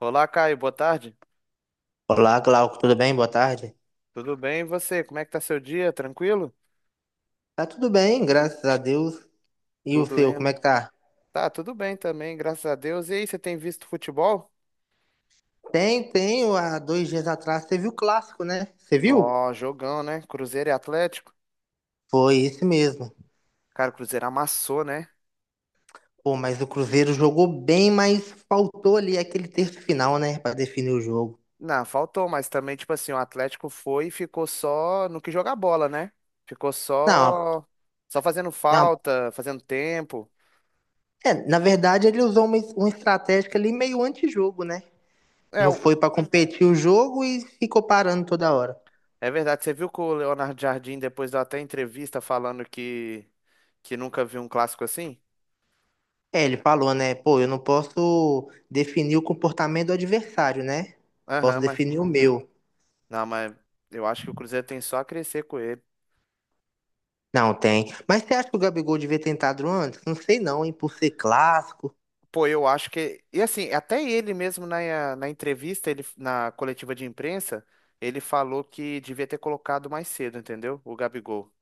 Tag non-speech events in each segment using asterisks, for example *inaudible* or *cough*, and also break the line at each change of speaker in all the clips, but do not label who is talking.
Olá, Caio, boa tarde.
Olá, Glauco, tudo bem? Boa tarde.
Tudo bem? E você? Como é que tá seu dia? Tranquilo?
Tá tudo bem, graças a Deus. E o
Tudo
seu,
indo?
como é que tá?
Tá, tudo bem também, graças a Deus. E aí, você tem visto futebol?
Tem, tem, há dois dias atrás você viu o clássico, né? Você viu?
Nó, jogão, né? Cruzeiro e Atlético.
Foi esse mesmo.
Cara, o Cruzeiro amassou, né?
Pô, mas o Cruzeiro jogou bem, mas faltou ali aquele terço final, né, pra definir o jogo.
Não, faltou, mas também, tipo assim, o Atlético foi e ficou só no que jogar bola, né? Ficou
Não,
só fazendo
é uma-
falta, fazendo tempo.
é, na verdade ele usou uma estratégia ali meio antijogo, né?
É,
Não
o-
foi pra competir o jogo e ficou parando toda hora.
é verdade, você viu que o Leonardo Jardim depois deu até entrevista falando que nunca viu um clássico assim?
É, ele falou, né? Pô, eu não posso definir o comportamento do adversário, né? Posso
Aham.
definir o meu.
Não, mas eu acho que o Cruzeiro tem só a crescer com ele.
Não tem. Mas você acha que o Gabigol devia ter entrado antes? Não sei não, hein? Por ser clássico.
Pô, eu acho que. E assim, até ele mesmo na entrevista, ele, na coletiva de imprensa, ele falou que devia ter colocado mais cedo, entendeu? O Gabigol.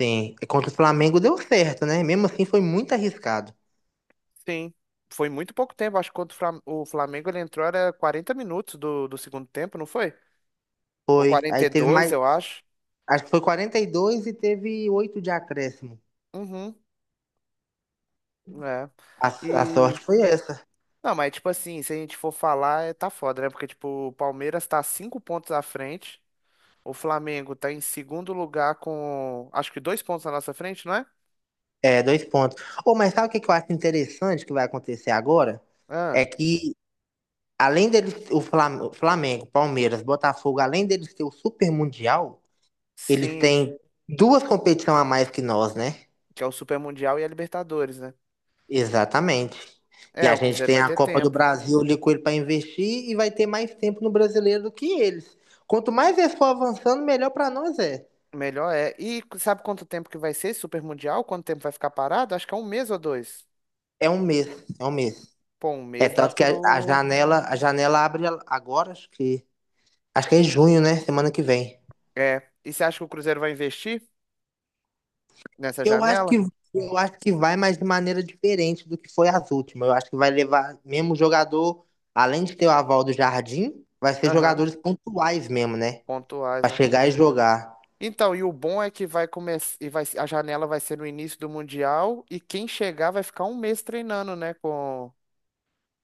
Sim. E contra o Flamengo deu certo, né? Mesmo assim foi muito arriscado.
Sim. Foi muito pouco tempo. Acho que quando o Flamengo ele entrou era 40 minutos do segundo tempo, não foi? Ou
Foi.
quarenta
Aí
e
teve
dois
mais.
eu acho.
Acho que foi quarenta e dois e teve 8 de acréscimo.
Uhum. É.
A, a
E.
sorte foi essa.
Não, mas tipo assim, se a gente for falar, tá foda, né? Porque, tipo, o Palmeiras tá cinco pontos à frente. O Flamengo tá em segundo lugar com, acho que dois pontos na nossa frente, não é?
É, dois pontos. Ô, mas sabe o que que eu acho interessante que vai acontecer agora? É
Ah,
que além deles, o Flamengo, Palmeiras, Botafogo, além deles ter o Super Mundial, eles
sim,
têm duas competições a mais que nós, né?
que é o Super Mundial e a Libertadores, né?
Exatamente. E
É,
a
o
gente
Cruzeiro
tem
vai
a
ter
Copa do
tempo.
Brasil ali com ele para investir e vai ter mais tempo no brasileiro do que eles. Quanto mais eles for avançando, melhor para nós é.
Melhor é. E sabe quanto tempo que vai ser esse Super Mundial? Quanto tempo vai ficar parado? Acho que é um mês ou dois.
É um mês, é um mês.
Pô, um
É
mês dá
tanto que a, a
pro.
janela, a janela abre agora, acho que é em junho, né? Semana que vem.
É. E você acha que o Cruzeiro vai investir nessa
Eu acho que
janela?
eu acho que vai, mas de maneira diferente do que foi as últimas. Eu acho que vai levar mesmo jogador, além de ter o aval do Jardim, vai ser
Aham,
jogadores pontuais mesmo, né?
pontuais,
Pra
né?
chegar e jogar.
Então, e o bom é que vai começar e vai a janela vai ser no início do mundial e quem chegar vai ficar um mês treinando, né, com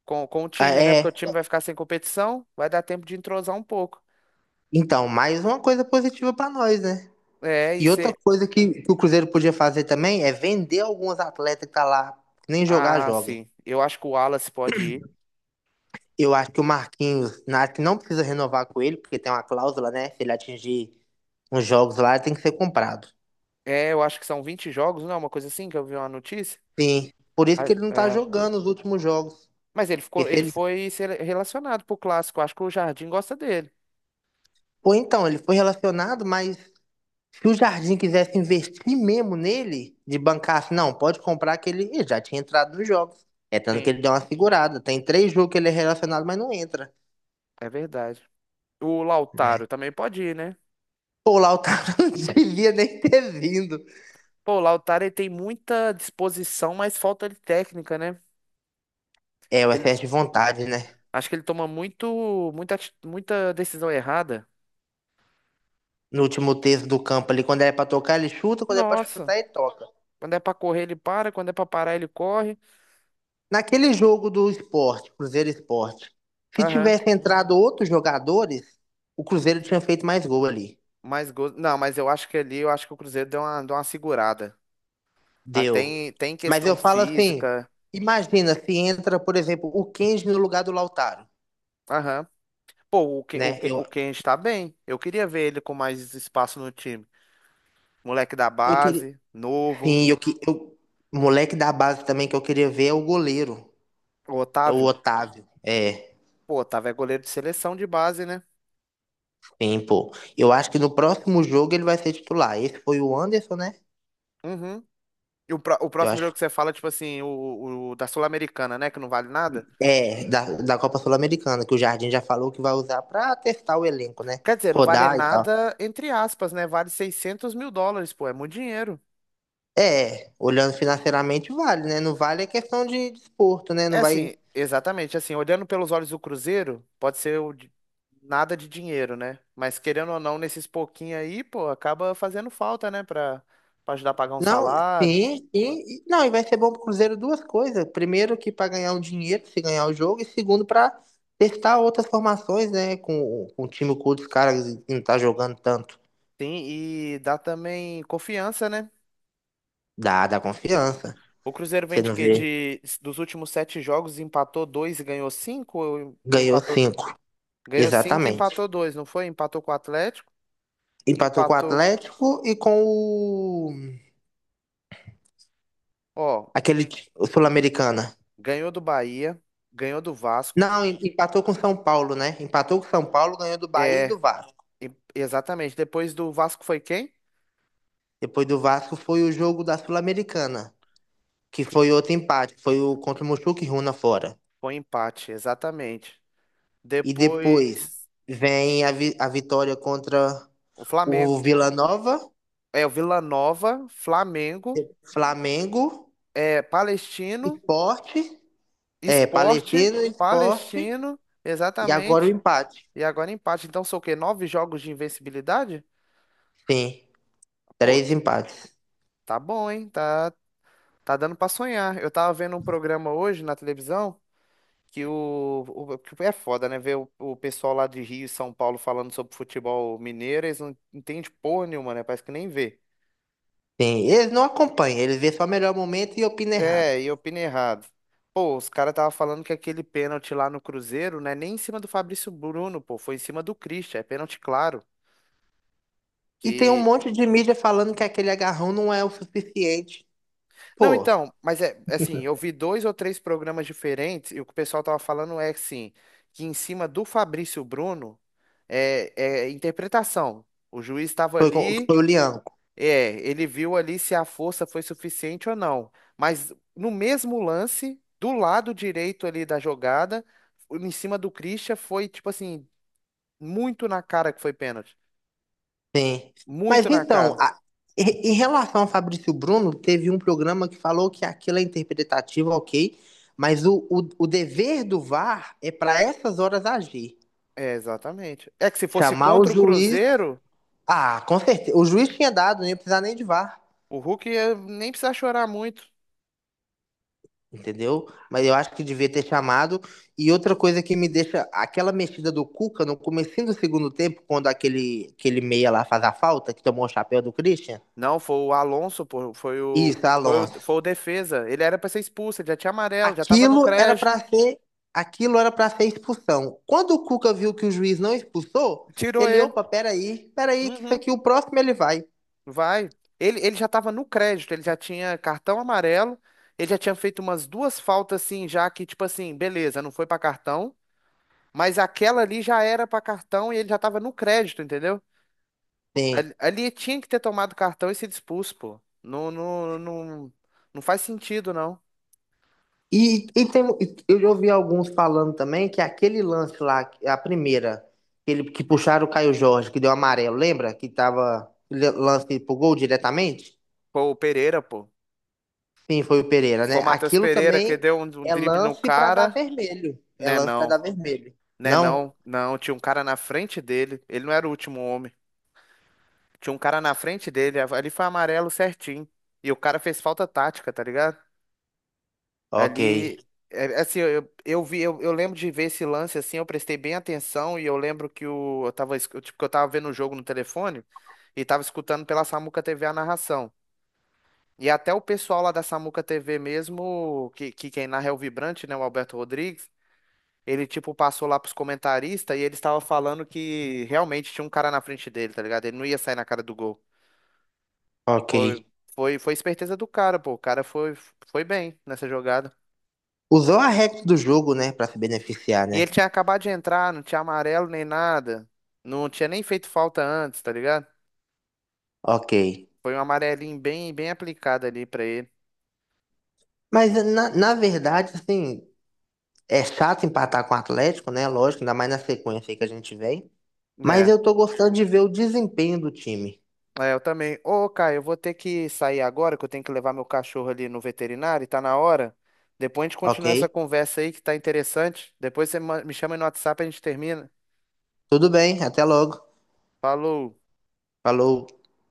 com, com o
Ah,
time, né? Porque
é,
o time vai ficar sem competição, vai dar tempo de entrosar um pouco.
então, mais uma coisa positiva pra nós, né?
É, e
E outra
você.
coisa que o Cruzeiro podia fazer também é vender alguns atletas que tá lá, que nem jogar,
Ah,
joga.
sim. Eu acho que o Wallace pode ir.
Eu acho que o Marquinhos, acho que não precisa renovar com ele, porque tem uma cláusula, né? Se ele atingir uns jogos lá, ele tem que ser comprado.
É, eu acho que são 20 jogos, não é uma coisa assim que eu vi uma notícia.
Sim. Por isso
Ah,
que ele não tá
é.
jogando os últimos jogos.
Mas ele ficou,
Porque se
ele
ele...
foi relacionado pro clássico. Acho que o Jardim gosta dele.
Pô, então, ele foi relacionado, mas se o Jardim quisesse investir mesmo nele, de bancar assim, não, pode comprar que ele Ih, já tinha entrado nos jogos. É tanto que
Sim,
ele deu uma segurada. Tem três jogos que ele é relacionado, mas não entra,
é verdade. O
né?
Lautaro também pode ir, né?
Pô, lá o Lautaro *laughs* não devia nem ter vindo.
Pô, o Lautaro ele tem muita disposição, mas falta de técnica, né?
É, o
Ele-
excesso de vontade, né?
acho que ele toma muita decisão errada.
No último terço do campo ali, quando é pra tocar, ele chuta, quando é pra
Nossa.
chutar, ele toca.
Quando é pra correr, ele para. Quando é pra parar, ele corre.
Naquele jogo do Sport, Cruzeiro e Sport, se
Aham.
tivesse entrado outros jogadores, o Cruzeiro tinha feito mais gol ali.
Mais gols. Não, mas eu acho que ali, eu acho que o Cruzeiro deu uma segurada. Ah,
Deu.
tem
Mas
questão
eu falo assim,
física.
imagina se entra, por exemplo, o Kenji no lugar do Lautaro,
Aham. Pô, o Ken, o
né?
Ken,
Eu,
o Ken está bem. Eu queria ver ele com mais espaço no time. Moleque da
eu queria,
base, novo.
sim, moleque da base também que eu queria ver é o goleiro,
O
é o
Otávio.
Otávio. É,
Pô, Otávio é goleiro de seleção de base, né?
sim, pô. Eu acho que no próximo jogo ele vai ser titular. Esse foi o Anderson, né?
Uhum. E o
Eu
próximo
acho
jogo que você fala, tipo assim, o da Sul-Americana, né? Que não vale nada.
é, da Copa Sul-Americana, que o Jardim já falou que vai usar pra testar o elenco, né?
Quer dizer, não vale
Rodar e tal.
nada, entre aspas, né? Vale US$ 600.000, pô. É muito dinheiro.
É, olhando financeiramente vale, né? Não vale é questão de desporto, né?
É
Não vai.
assim, exatamente, assim, olhando pelos olhos do Cruzeiro, pode ser nada de dinheiro, né? Mas querendo ou não, nesses pouquinhos aí, pô, acaba fazendo falta, né? Pra ajudar a pagar um
Não,
salário.
sim, sim. Não, e vai ser bom pro Cruzeiro duas coisas. Primeiro, que para ganhar um dinheiro, se ganhar o jogo, e segundo, para testar outras formações, né? Com o time com outros caras que não tá jogando tanto.
Sim, e dá também confiança, né?
Dá confiança.
O Cruzeiro vem
Você
de
não
quê?
vê?
Dos últimos sete jogos, empatou dois e ganhou cinco? Ou
Ganhou
empatou,
cinco.
ganhou cinco e
Exatamente.
empatou dois, não foi? Empatou com o Atlético,
Empatou com o
empatou,
Atlético e com o.
ó,
O Sul-Americana.
ganhou do Bahia, ganhou do Vasco.
Não, empatou com São Paulo, né? Empatou com São Paulo, ganhou do Bahia e do
É,
Vasco.
exatamente. Depois do Vasco foi quem?
Depois do Vasco foi o jogo da Sul-Americana, que foi outro empate, foi o contra o Mochuca Runa fora.
Foi um empate, exatamente.
E depois
Depois,
vem a vitória contra
o
o
Flamengo.
Vila Nova,
É, o Vila Nova, Flamengo,
Flamengo,
é, Palestino,
Sport, é,
Esporte,
Palestino, Sport
Palestino,
e agora o
exatamente.
empate.
E agora empate. Então são o quê? Nove jogos de invencibilidade?
Sim,
Pô,
três empates.
tá bom, hein? Tá, tá dando pra sonhar. Eu tava vendo um programa hoje na televisão que é foda, né? Ver o pessoal lá de Rio e São Paulo falando sobre futebol mineiro, eles não entendem porra nenhuma, né? Parece que nem vê.
Sim, eles não acompanham, eles vêem só o melhor momento e opinam errado.
É, e eu opinei errado. Pô, os caras tava falando que aquele pênalti lá no Cruzeiro, né, nem em cima do Fabrício Bruno, pô, foi em cima do Christian, é pênalti claro.
E tem um
Que...
monte de mídia falando que aquele agarrão não é o suficiente.
Não,
Pô,
então, mas é assim, eu vi dois ou três programas diferentes e o que o pessoal tava falando é assim, que em cima do Fabrício Bruno é, é interpretação. O juiz estava
foi,
ali.
foi o Lianco.
É, ele viu ali se a força foi suficiente ou não. Mas no mesmo lance, do lado direito ali da jogada, em cima do Christian, foi tipo assim, muito na cara que foi pênalti.
Sim. Mas
Muito na
então,
cara.
em relação ao Fabrício Bruno, teve um programa que falou que aquilo é interpretativo, ok, mas o dever do VAR é para essas horas agir.
É, exatamente. É que se fosse
Chamar o
contra o
juiz.
Cruzeiro,
Ah, com certeza. O juiz tinha dado, não ia precisar nem de VAR.
o Hulk ia nem precisar chorar muito.
entendeu? Mas eu acho que devia ter chamado. E outra coisa que me deixa, aquela mexida do Cuca no comecinho do segundo tempo, quando aquele meia lá faz a falta, que tomou o chapéu do Christian,
Não, foi o Alonso, pô, foi o,
isso,
foi
Alonso.
o, foi o defesa. Ele era pra ser expulso, ele já tinha amarelo, já tava no
Aquilo era
crédito.
pra ser, aquilo era para ser expulsão. Quando o Cuca viu que o juiz não expulsou,
Tirou
ele,
ele.
opa, peraí, peraí, que isso
Uhum.
aqui o próximo ele vai.
Vai. Ele já estava no crédito, ele já tinha cartão amarelo, ele já tinha feito umas duas faltas assim, já que, tipo assim, beleza, não foi para cartão, mas aquela ali já era para cartão e ele já estava no crédito, entendeu?
Sim.
Ali, ali tinha que ter tomado cartão e sido expulso, pô. Não, não, não, não faz sentido, não.
E tem, eu já ouvi alguns falando também que aquele lance lá, a primeira, que ele, que puxaram o Caio Jorge, que deu amarelo, lembra? Que tava lance pro gol diretamente?
Pô, o Pereira, pô.
Sim, foi o Pereira, né?
Foi o Matheus
Aquilo
Pereira que
também
deu um
é
drible no
lance pra dar
cara.
vermelho. É
Né,
lance pra
não.
dar vermelho.
Né,
Não?
não. Não, tinha um cara na frente dele. Ele não era o último homem. Tinha um cara na frente dele, ali foi amarelo certinho. E o cara fez falta tática, tá ligado?
Ok,
Ali, é, assim, eu, eu vi, eu lembro de ver esse lance assim, eu prestei bem atenção e eu lembro eu tava, tipo, que eu tava vendo o jogo no telefone e tava escutando pela Samuca TV a narração. E até o pessoal lá da Samuca TV mesmo, que quem narra é o Vibrante, né, o Alberto Rodrigues, ele, tipo, passou lá pros comentaristas e eles estavam falando que realmente tinha um cara na frente dele, tá ligado? Ele não ia sair na cara do gol.
ok.
Foi, foi esperteza do cara, pô. O cara foi, foi, bem nessa jogada.
Usou a regra do jogo, né, pra se beneficiar,
E
né?
ele tinha acabado de entrar, não tinha amarelo nem nada. Não tinha nem feito falta antes, tá ligado?
Ok.
Foi um amarelinho bem, bem aplicado ali pra ele.
Mas na verdade, assim, é chato empatar com o Atlético, né? Lógico, ainda mais na sequência aí que a gente vem. Mas
É,
eu tô gostando de ver o desempenho do time,
é, eu também. Ô, Caio, eu vou ter que sair agora, que eu tenho que levar meu cachorro ali no veterinário, e tá na hora. Depois a gente
ok?
continua essa conversa aí que tá interessante. Depois você me chama aí no WhatsApp e a gente termina.
Tudo bem, até logo.
Falou.
Falou.